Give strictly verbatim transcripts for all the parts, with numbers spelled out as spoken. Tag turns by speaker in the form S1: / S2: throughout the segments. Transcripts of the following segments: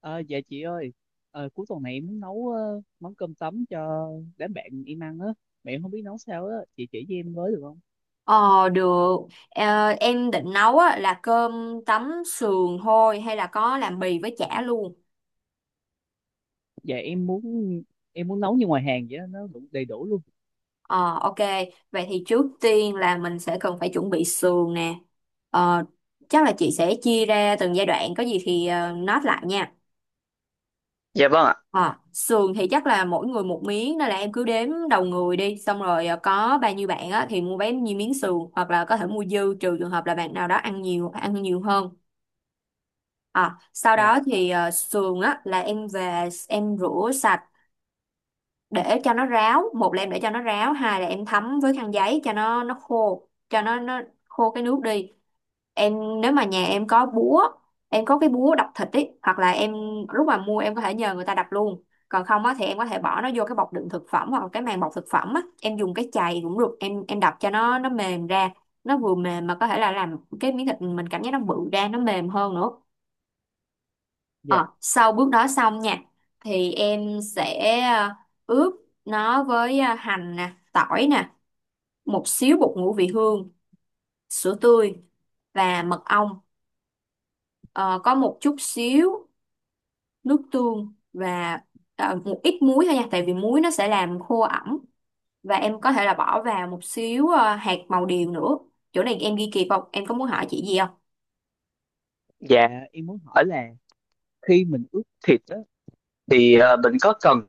S1: Ờ, dạ chị ơi, ờ, cuối tuần này em muốn nấu ờ, món cơm tấm cho đám bạn em ăn á, mà em không biết nấu sao á, chị chỉ cho em với được không?
S2: Ờ, được. Ờ, Em định nấu á là cơm tấm sườn thôi, hay là có làm bì với chả luôn?
S1: Dạ em muốn em muốn nấu như ngoài hàng vậy á, nó đủ đầy đủ luôn.
S2: Ờ, ok. Vậy thì trước tiên là mình sẽ cần phải chuẩn bị sườn nè. Ờ. Chắc là chị sẽ chia ra từng giai đoạn, có gì thì uh, note lại nha.
S1: Dạ vâng ạ.
S2: Ờ. Sườn thì chắc là mỗi người một miếng, nên là em cứ đếm đầu người đi. Xong rồi ờ, có bao nhiêu bạn á thì mua bấy nhiêu miếng sườn, hoặc là có thể mua dư, trừ trường hợp là bạn nào đó ăn nhiều, ăn nhiều hơn. À, sau
S1: Dạ,
S2: đó thì ờ, sườn á là em về em rửa sạch để cho nó ráo. Một là em để cho nó ráo, hai là em thấm với khăn giấy cho nó nó khô, cho nó nó khô cái nước đi. Em nếu mà nhà em có búa, em có cái búa đập thịt ấy, hoặc là em lúc mà mua em có thể nhờ người ta đập luôn. Còn không á thì em có thể bỏ nó vô cái bọc đựng thực phẩm hoặc là cái màng bọc thực phẩm á, em dùng cái chày cũng được, em em đập cho nó nó mềm ra, nó vừa mềm mà có thể là làm cái miếng thịt mình cảm giác nó bự ra, nó mềm hơn nữa.
S1: dạ,
S2: Ờ, sau bước đó xong nha, thì em sẽ ờ, ướp nó với ờ, hành nè, tỏi nè, một xíu bột ngũ vị hương, sữa tươi và mật ong. Ờ, có một chút xíu nước tương và ờ, một ít muối thôi nha, tại vì muối nó sẽ làm khô ẩm, và em có thể là bỏ vào một xíu ờ, hạt màu điều nữa. Chỗ này em ghi kịp không? Em có muốn hỏi chị gì không?
S1: dạ dạ em muốn hỏi là khi mình ướp thịt á, thì ờ, mình có cần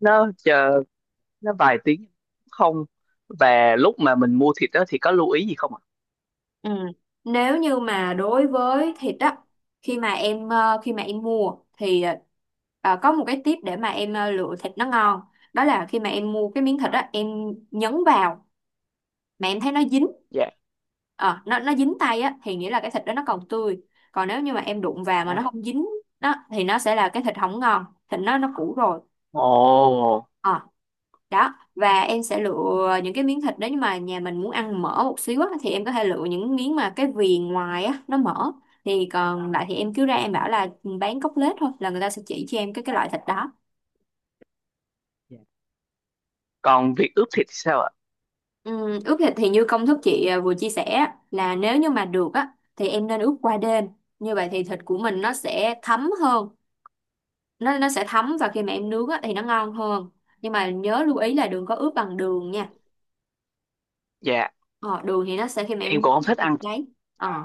S1: nó chờ nó vài tiếng không? Và lúc mà mình mua thịt đó thì có lưu ý gì không ạ?
S2: Ừ. Nếu như mà đối với thịt á, khi mà em ờ, khi mà em mua thì ờ, ờ, có một cái tip để mà em ờ, lựa thịt nó ngon, đó là khi mà em mua cái miếng thịt á em nhấn vào mà em thấy nó dính.
S1: Dạ.
S2: ờ, nó nó dính tay á thì nghĩa là cái thịt đó nó còn tươi. Còn nếu như mà em đụng vào mà nó
S1: Dạ,
S2: không dính, đó thì nó sẽ là cái thịt không ngon, thịt nó nó cũ rồi.
S1: không, ồ,
S2: Ờ, đó, và em sẽ lựa những cái miếng thịt nếu nhưng mà nhà mình muốn ăn mỡ một xíu á, thì em có thể lựa những miếng mà cái viền ngoài á nó mỡ. Thì còn lại thì em cứ ra em bảo là ừ, bán cốt lết thôi, là người ta sẽ chỉ cho em cái cái loại thịt đó.
S1: dạ, còn việc ướp thịt thì sao ạ?
S2: Ừm, ướp thịt thì như công thức chị à vừa chia sẻ á, là nếu như mà được á thì em nên ướp qua đêm, như vậy thì thịt của mình nó sẽ thấm hơn. Nó nó sẽ thấm và khi mà em nướng á thì nó ngon hơn. Nhưng mà nhớ lưu ý là đừng có ướp bằng đường nha.
S1: Dạ,
S2: Ờ, đường thì nó sẽ khi mà
S1: em
S2: em
S1: cũng không thích
S2: nướng
S1: ăn
S2: đấy. Ờ,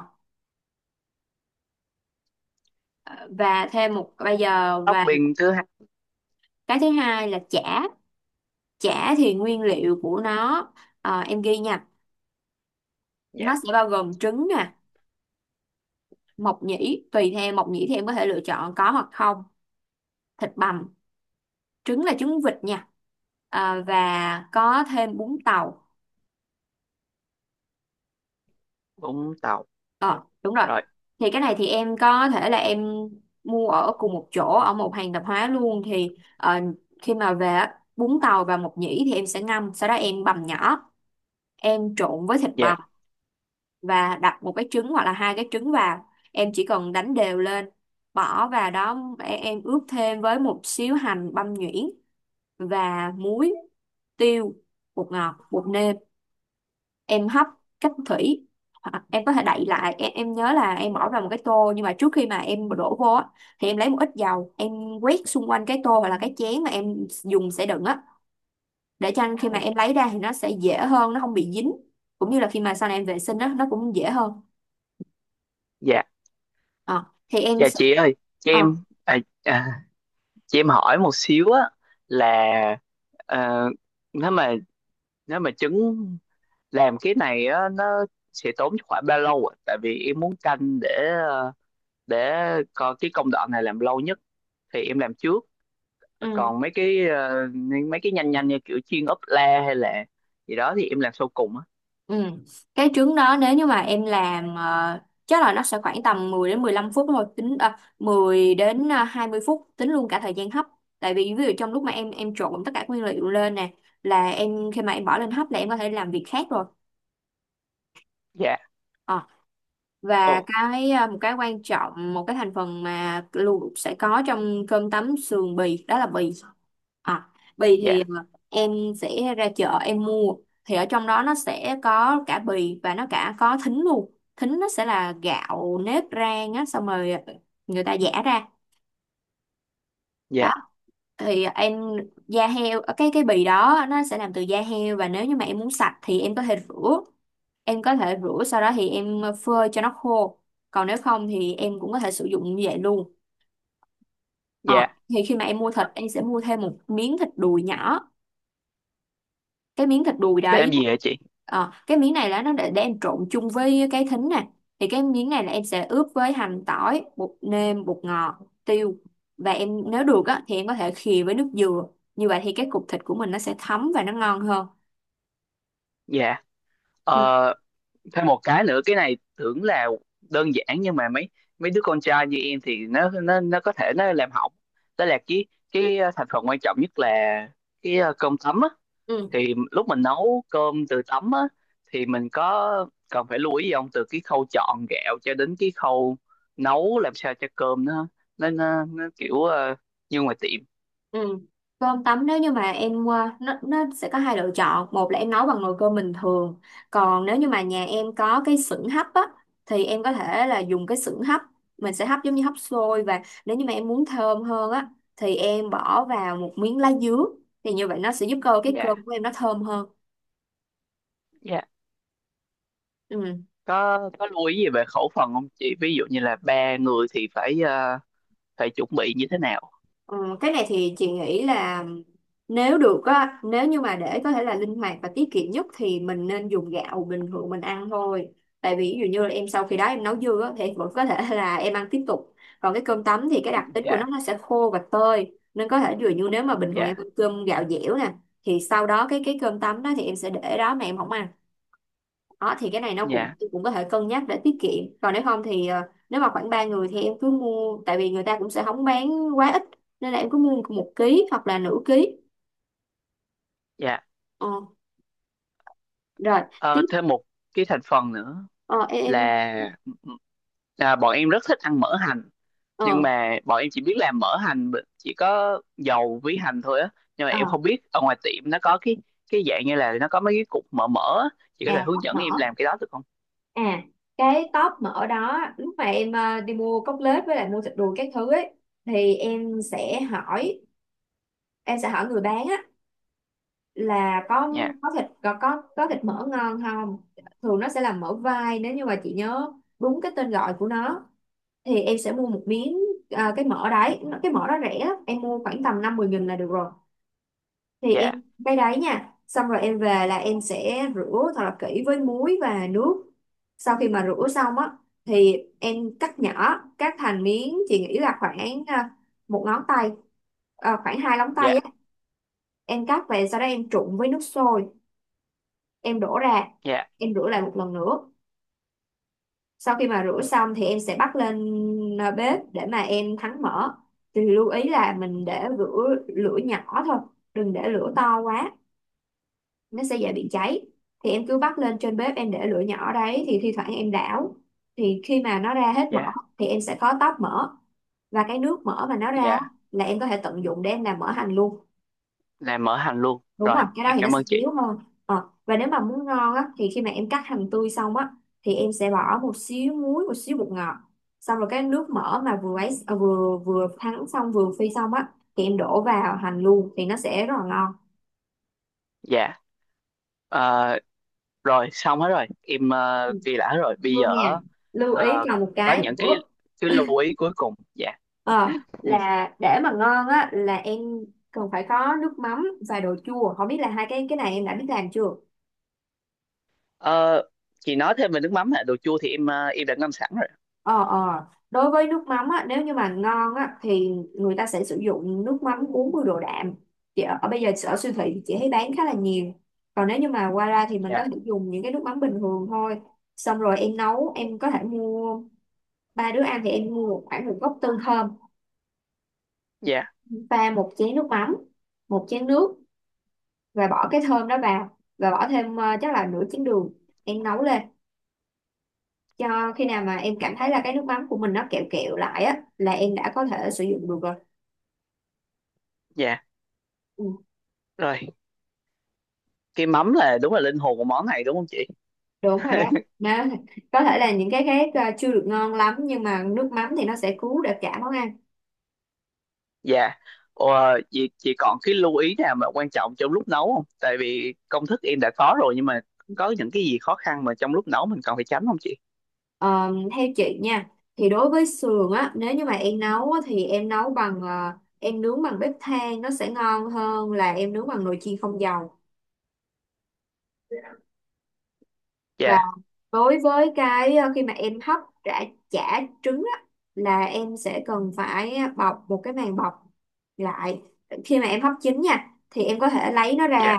S2: và thêm một bây giờ và
S1: shopping thứ hai.
S2: cái thứ hai là chả. Chả thì
S1: Dạ.
S2: nguyên liệu của nó, ờ, em ghi nha,
S1: Dạ,
S2: nó sẽ bao gồm trứng nè, mộc nhĩ, tùy theo mộc nhĩ thì em có thể lựa chọn có hoặc không, thịt bằm, trứng là trứng vịt nha. Ờ, và có thêm bún tàu.
S1: Vũng Tàu.
S2: ờ Đúng rồi.
S1: Rồi.
S2: Thì cái này thì em có thể là em mua ở cùng một chỗ ở một hàng tạp hóa luôn. Thì ờ, khi mà về á, bún tàu và mộc nhĩ thì em sẽ ngâm, sau đó em bằm nhỏ, em trộn với thịt
S1: Dạ.
S2: bằm và đặt một cái trứng hoặc là hai cái trứng vào. Em chỉ cần đánh đều lên, bỏ vào đó, em em ướp thêm với một xíu hành băm nhuyễn và muối, tiêu, bột ngọt, bột nêm. Em hấp cách thủy, hoặc em có thể đậy lại. Em, em nhớ là em bỏ vào một cái tô, nhưng mà trước khi mà em đổ vô á, thì em lấy một ít dầu em quét xung quanh cái tô hoặc là cái chén mà em dùng sẽ đựng á, để cho khi mà
S1: Dạ.
S2: em lấy ra thì nó sẽ dễ hơn, nó không bị dính, cũng như là khi mà sau này em vệ sinh á nó cũng dễ hơn.
S1: Dạ.
S2: Ờ, thì em.
S1: Dạ, chị ơi cho
S2: Ờ,
S1: em à, à, cho em hỏi một xíu á là ờ, nếu mà nếu mà trứng làm cái này á nó sẽ tốn khoảng bao lâu ạ, tại vì em muốn canh để ờ, để coi cái công đoạn này làm lâu nhất thì em làm trước,
S2: ừ,
S1: còn mấy cái ờ, mấy cái nhanh nhanh như kiểu chiên ốp la hay là gì đó thì em làm sau cùng á.
S2: ừ. Cái trứng đó nếu như mà em làm ờ, chắc là nó sẽ khoảng tầm mười đến mười lăm phút thôi. Tính à, mười đến à, hai mươi phút tính luôn cả thời gian hấp. Tại vì ví dụ trong lúc mà em em trộn tất cả nguyên liệu lên nè, là em khi mà em bỏ lên hấp là em có thể làm việc khác rồi.
S1: Dạ.
S2: Ờ,
S1: Ồ.
S2: và cái à, một cái quan trọng, một cái thành phần mà luôn sẽ có trong cơm tấm sườn bì đó là bì. À, bì thì
S1: Dạ.
S2: à, em sẽ ra chợ em mua, thì ở trong đó nó sẽ có cả bì và nó cả có thính luôn. Thính nó sẽ là gạo nếp rang á, xong rồi ờ, người ta giã ra đó.
S1: Dạ.
S2: Thì em, da heo, ờ, cái cái bì đó nó sẽ làm từ da heo, và nếu như mà em muốn sạch thì em có thể rửa. Em có thể rửa sau đó thì em phơi cho nó khô, còn nếu không thì em cũng có thể sử dụng như vậy luôn. Ờ,
S1: Dạ
S2: thì khi mà em mua thịt em sẽ mua thêm một miếng thịt đùi nhỏ. Cái miếng thịt đùi
S1: để làm
S2: đấy,
S1: gì hả chị.
S2: ờ, cái miếng này là nó để, để em trộn chung với cái thính nè. Thì cái miếng này là em sẽ ướp với hành, tỏi, bột nêm, bột ngọt, tiêu, và em nếu được á thì em có thể khìa với nước dừa, như vậy thì cái cục thịt của mình nó sẽ thấm và nó ngon hơn.
S1: Dạ,
S2: Ừ.
S1: ờ, thêm một cái nữa, cái này tưởng là đơn giản nhưng mà mấy mấy đứa con trai như em thì nó nó nó có thể nó làm hỏng, đó là cái cái ờ, thành phần quan trọng nhất là cái ờ, cơm tấm á,
S2: Ừ.
S1: thì lúc mình nấu cơm từ tấm á thì mình có cần phải lưu ý gì không, từ cái khâu chọn gạo cho đến cái khâu nấu làm sao cho cơm nó nó nó, nó kiểu ờ, như ngoài tiệm.
S2: Ừ. Cơm tấm, nếu như mà em ờ, nó nó sẽ có hai lựa chọn. Một là em nấu bằng nồi cơm bình thường, còn nếu như mà nhà em có cái xửng hấp á thì em có thể là dùng cái xửng hấp, mình sẽ hấp giống như hấp xôi. Và nếu như mà em muốn thơm hơn á thì em bỏ vào một miếng lá dứa, thì như vậy nó sẽ giúp cơ cái
S1: Dạ.
S2: cơm của em nó thơm hơn.
S1: Dạ.
S2: Ừ.
S1: có có lưu ý gì về khẩu phần không chị, ví dụ như là ba người thì phải ờ, phải chuẩn bị như thế nào?
S2: Ừ, cái này thì chị nghĩ là nếu được á, nếu như mà để có thể là linh hoạt và tiết kiệm nhất thì mình nên dùng gạo bình thường mình ăn thôi. Tại vì ví dụ như là em sau khi đó em nấu dư á, thì vẫn có thể là em ăn tiếp tục. Còn cái cơm tấm thì cái
S1: Ừ,
S2: đặc tính của
S1: dạ.
S2: nó nó sẽ khô và tơi. Nên có thể ví dụ như nếu mà bình thường em
S1: Dạ.
S2: ăn cơm gạo dẻo nè, thì sau đó cái cái cơm tấm đó thì em sẽ để đó mà em không ăn. Đó thì cái này nó cũng
S1: Dạ.
S2: cũng có thể cân nhắc để tiết kiệm. Còn nếu không thì ờ, nếu mà khoảng ba người thì em cứ mua, tại vì người ta cũng sẽ không bán quá ít, nên là em cứ mua một ký hoặc là nửa ký.
S1: Dạ.
S2: Ờ, rồi
S1: Ờ,
S2: tiếp.
S1: thêm một cái thành phần nữa
S2: ờ, em em-
S1: là à, bọn em rất thích ăn mỡ hành, nhưng
S2: ờ,
S1: mà bọn em chỉ biết làm mỡ hành b- chỉ có dầu với hành thôi á, nhưng mà
S2: ờ
S1: em không biết ở ngoài tiệm nó có cái cái dạng như là nó có mấy cái cục mỡ mỡ á. Chị có
S2: À,
S1: thể hướng
S2: tóp
S1: dẫn
S2: mỡ.
S1: em làm cái đó được không?
S2: À, cái tóp mỡ đó lúc mà em ờ, đi mua cốt lết với lại mua thịt đùi các thứ ấy, thì em sẽ hỏi. Em sẽ hỏi người bán á là có
S1: Dạ.
S2: có thịt có có có thịt mỡ ngon không. Thường nó sẽ là mỡ vai, nếu như mà chị nhớ đúng cái tên gọi của nó. Thì em sẽ mua một miếng. À, cái mỡ đấy. Nó- cái mỡ đó rẻ lắm. Em mua khoảng tầm năm mười nghìn là được rồi. Thì
S1: Dạ.
S2: em cái đấy nha, xong rồi em về là em sẽ rửa thật là kỹ với muối và nước. Sau khi mà rửa xong á thì em cắt nhỏ, cắt thành miếng chị nghĩ là khoảng à, một ngón tay, à, khoảng hai móng
S1: Dạ.
S2: tay á. Em cắt về, sau đó em trụng với nước sôi, em đổ ra,
S1: Dạ.
S2: em rửa lại một lần nữa. Sau khi mà rửa xong thì em sẽ bắt lên à, bếp để mà em thắng mỡ. Thì lưu ý là mình
S1: Dạ.
S2: để lửa lửa nhỏ thôi, đừng để lửa to quá, nó sẽ dễ bị cháy. Thì em cứ bắt lên trên bếp, em để lửa nhỏ đấy thì thi thoảng em đảo. Thì khi mà nó ra hết mỡ
S1: Dạ.
S2: thì em sẽ khó tóp mỡ, và cái nước mỡ mà nó ra
S1: Dạ.
S2: là em có thể tận dụng để em làm mỡ hành luôn.
S1: Làm mỡ hành luôn,
S2: Đúng
S1: rồi
S2: rồi, cái đó
S1: em
S2: thì nó
S1: cảm
S2: sẽ
S1: ơn chị.
S2: yếu hơn. Ờ, và nếu mà muốn ngon á thì khi mà em cắt hành tươi xong á thì em sẽ bỏ một xíu muối, một xíu bột ngọt, xong rồi cái nước mỡ mà vừa ấy à, vừa vừa thắng xong, vừa phi xong á, thì em đổ vào hành luôn thì nó sẽ rất là ngon.
S1: Dạ, ờ, rồi xong hết rồi, em
S2: Ừ,
S1: uh, ghi lại hết rồi. Bây
S2: vô nha.
S1: giờ
S2: Lưu ý
S1: ờ,
S2: còn một
S1: có
S2: cái
S1: những cái
S2: nữa,
S1: cái lưu ý cuối cùng. Dạ.
S2: ờ, là để mà ngon á là em cần phải có nước mắm và đồ chua, không biết là hai cái cái này em đã biết làm chưa.
S1: Ờ, chị nói thêm về nước mắm, là đồ chua thì em ờ, em đã ngâm sẵn rồi.
S2: Ờ, ờ. Đối với nước mắm á, nếu như mà ngon á, thì người ta sẽ sử dụng nước mắm bốn mươi độ đạm. Chị ở, ở bây giờ ở siêu thị thì chị thấy bán khá là nhiều. Còn nếu như mà qua ra thì mình có
S1: Dạ.
S2: thể dùng những cái nước mắm bình thường thôi. Xong rồi em nấu, em có thể mua, ba đứa ăn thì em mua một- khoảng một gốc tương thơm,
S1: Dạ.
S2: pha một chén nước mắm, một chén nước, và bỏ cái thơm đó vào và bỏ thêm ờ, chắc là nửa chén đường. Em nấu lên cho khi nào mà em cảm thấy là cái nước mắm của mình nó kẹo kẹo lại á là em đã có thể sử dụng được rồi.
S1: Dạ,
S2: Ừ.
S1: rồi. Cái mắm là đúng là linh hồn của món này đúng không chị?
S2: Đúng rồi đó, nó có thể là những cái khác ờ, chưa được ngon lắm nhưng mà nước mắm thì nó sẽ cứu được cả món ăn.
S1: Dạ, ờ, chị chị còn cái lưu ý nào mà quan trọng trong lúc nấu không? Tại vì công thức em đã có rồi nhưng mà có những cái gì khó khăn mà trong lúc nấu mình cần phải tránh không chị?
S2: Ờ, theo chị nha thì đối với sườn á, nếu như mà em nấu á, thì em nấu bằng ờ, em nướng bằng bếp than nó sẽ ngon hơn là em nướng bằng nồi chiên không dầu. Và
S1: Dạ.
S2: đối với cái ờ, khi mà em hấp chả, chả trứng á, là em sẽ cần phải bọc một cái màng bọc lại. Khi mà em hấp chín nha thì em có thể lấy nó
S1: Dạ.
S2: ra,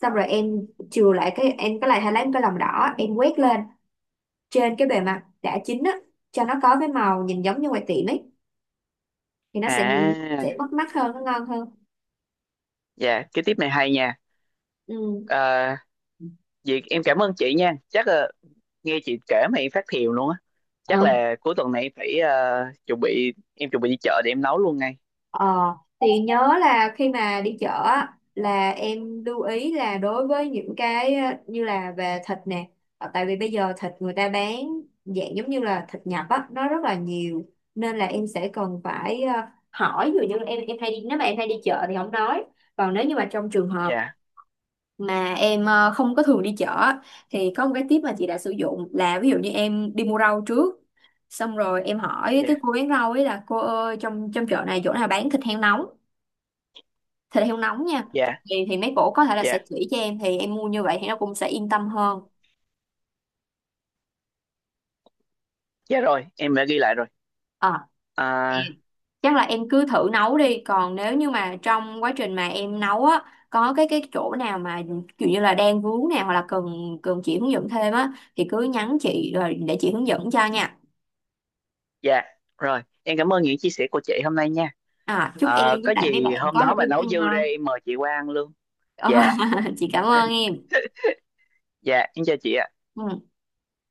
S2: xong rồi em chừa lại cái em cái lại hay lấy một cái lòng đỏ em quét lên trên cái bề mặt đã chín á cho nó có cái màu nhìn giống như ngoài tiệm ấy, thì nó sẽ nhìn sẽ
S1: À,
S2: bắt mắt hơn, nó ngon hơn.
S1: dạ, cái tiếp này hay nha.
S2: Ừ.
S1: À, Việt em cảm ơn chị nha. Chắc là nghe chị kể mà em phát thiều luôn á. Chắc
S2: Ờ.
S1: là cuối tuần này em phải ờ, chuẩn bị, em chuẩn bị đi chợ để em nấu luôn ngay.
S2: Ờ, thì nhớ là khi mà đi chợ á, là em lưu ý là đối với những cái ờ, như là về thịt nè. Ờ, tại vì bây giờ thịt người ta bán dạng giống như là thịt nhập á nó rất là nhiều, nên là em sẽ cần phải ờ, hỏi, ví dụ như em em hay đi, nếu mà em hay đi chợ thì không nói, còn nếu như mà trong trường hợp
S1: Dạ.
S2: mà em ờ, không có thường đi chợ á, thì có một cái tip mà chị đã sử dụng là ví dụ như em đi mua rau trước, xong rồi em hỏi cái
S1: Dạ.
S2: cô bán rau ấy là cô ơi, trong trong chợ này chỗ nào bán thịt heo nóng, thịt heo nóng nha,
S1: Dạ.
S2: thì thì mấy cổ có thể là sẽ
S1: Dạ.
S2: chỉ cho em, thì em mua như vậy thì nó cũng sẽ yên tâm hơn.
S1: Dạ rồi, em đã ghi lại rồi.
S2: Ờ,
S1: À,
S2: thì chắc là em cứ thử nấu đi, còn nếu như mà trong quá trình mà em nấu á có cái cái chỗ nào mà kiểu như là đang vướng nào hoặc là cần cần chị hướng dẫn thêm á thì cứ nhắn chị rồi để chị hướng dẫn cho nha.
S1: dạ, rồi. Em cảm ơn những chia sẻ của chị hôm nay nha.
S2: À, chúc
S1: Ờ,
S2: em với
S1: có
S2: lại mấy
S1: gì
S2: bạn
S1: hôm
S2: có
S1: đó
S2: một
S1: mà
S2: cái bữa
S1: nấu
S2: ăn
S1: dư ra
S2: ngon.
S1: em mời chị qua ăn luôn.
S2: Ờ,
S1: Dạ,
S2: chị cảm ơn em.
S1: dạ, em chào chị ạ.
S2: Ừ.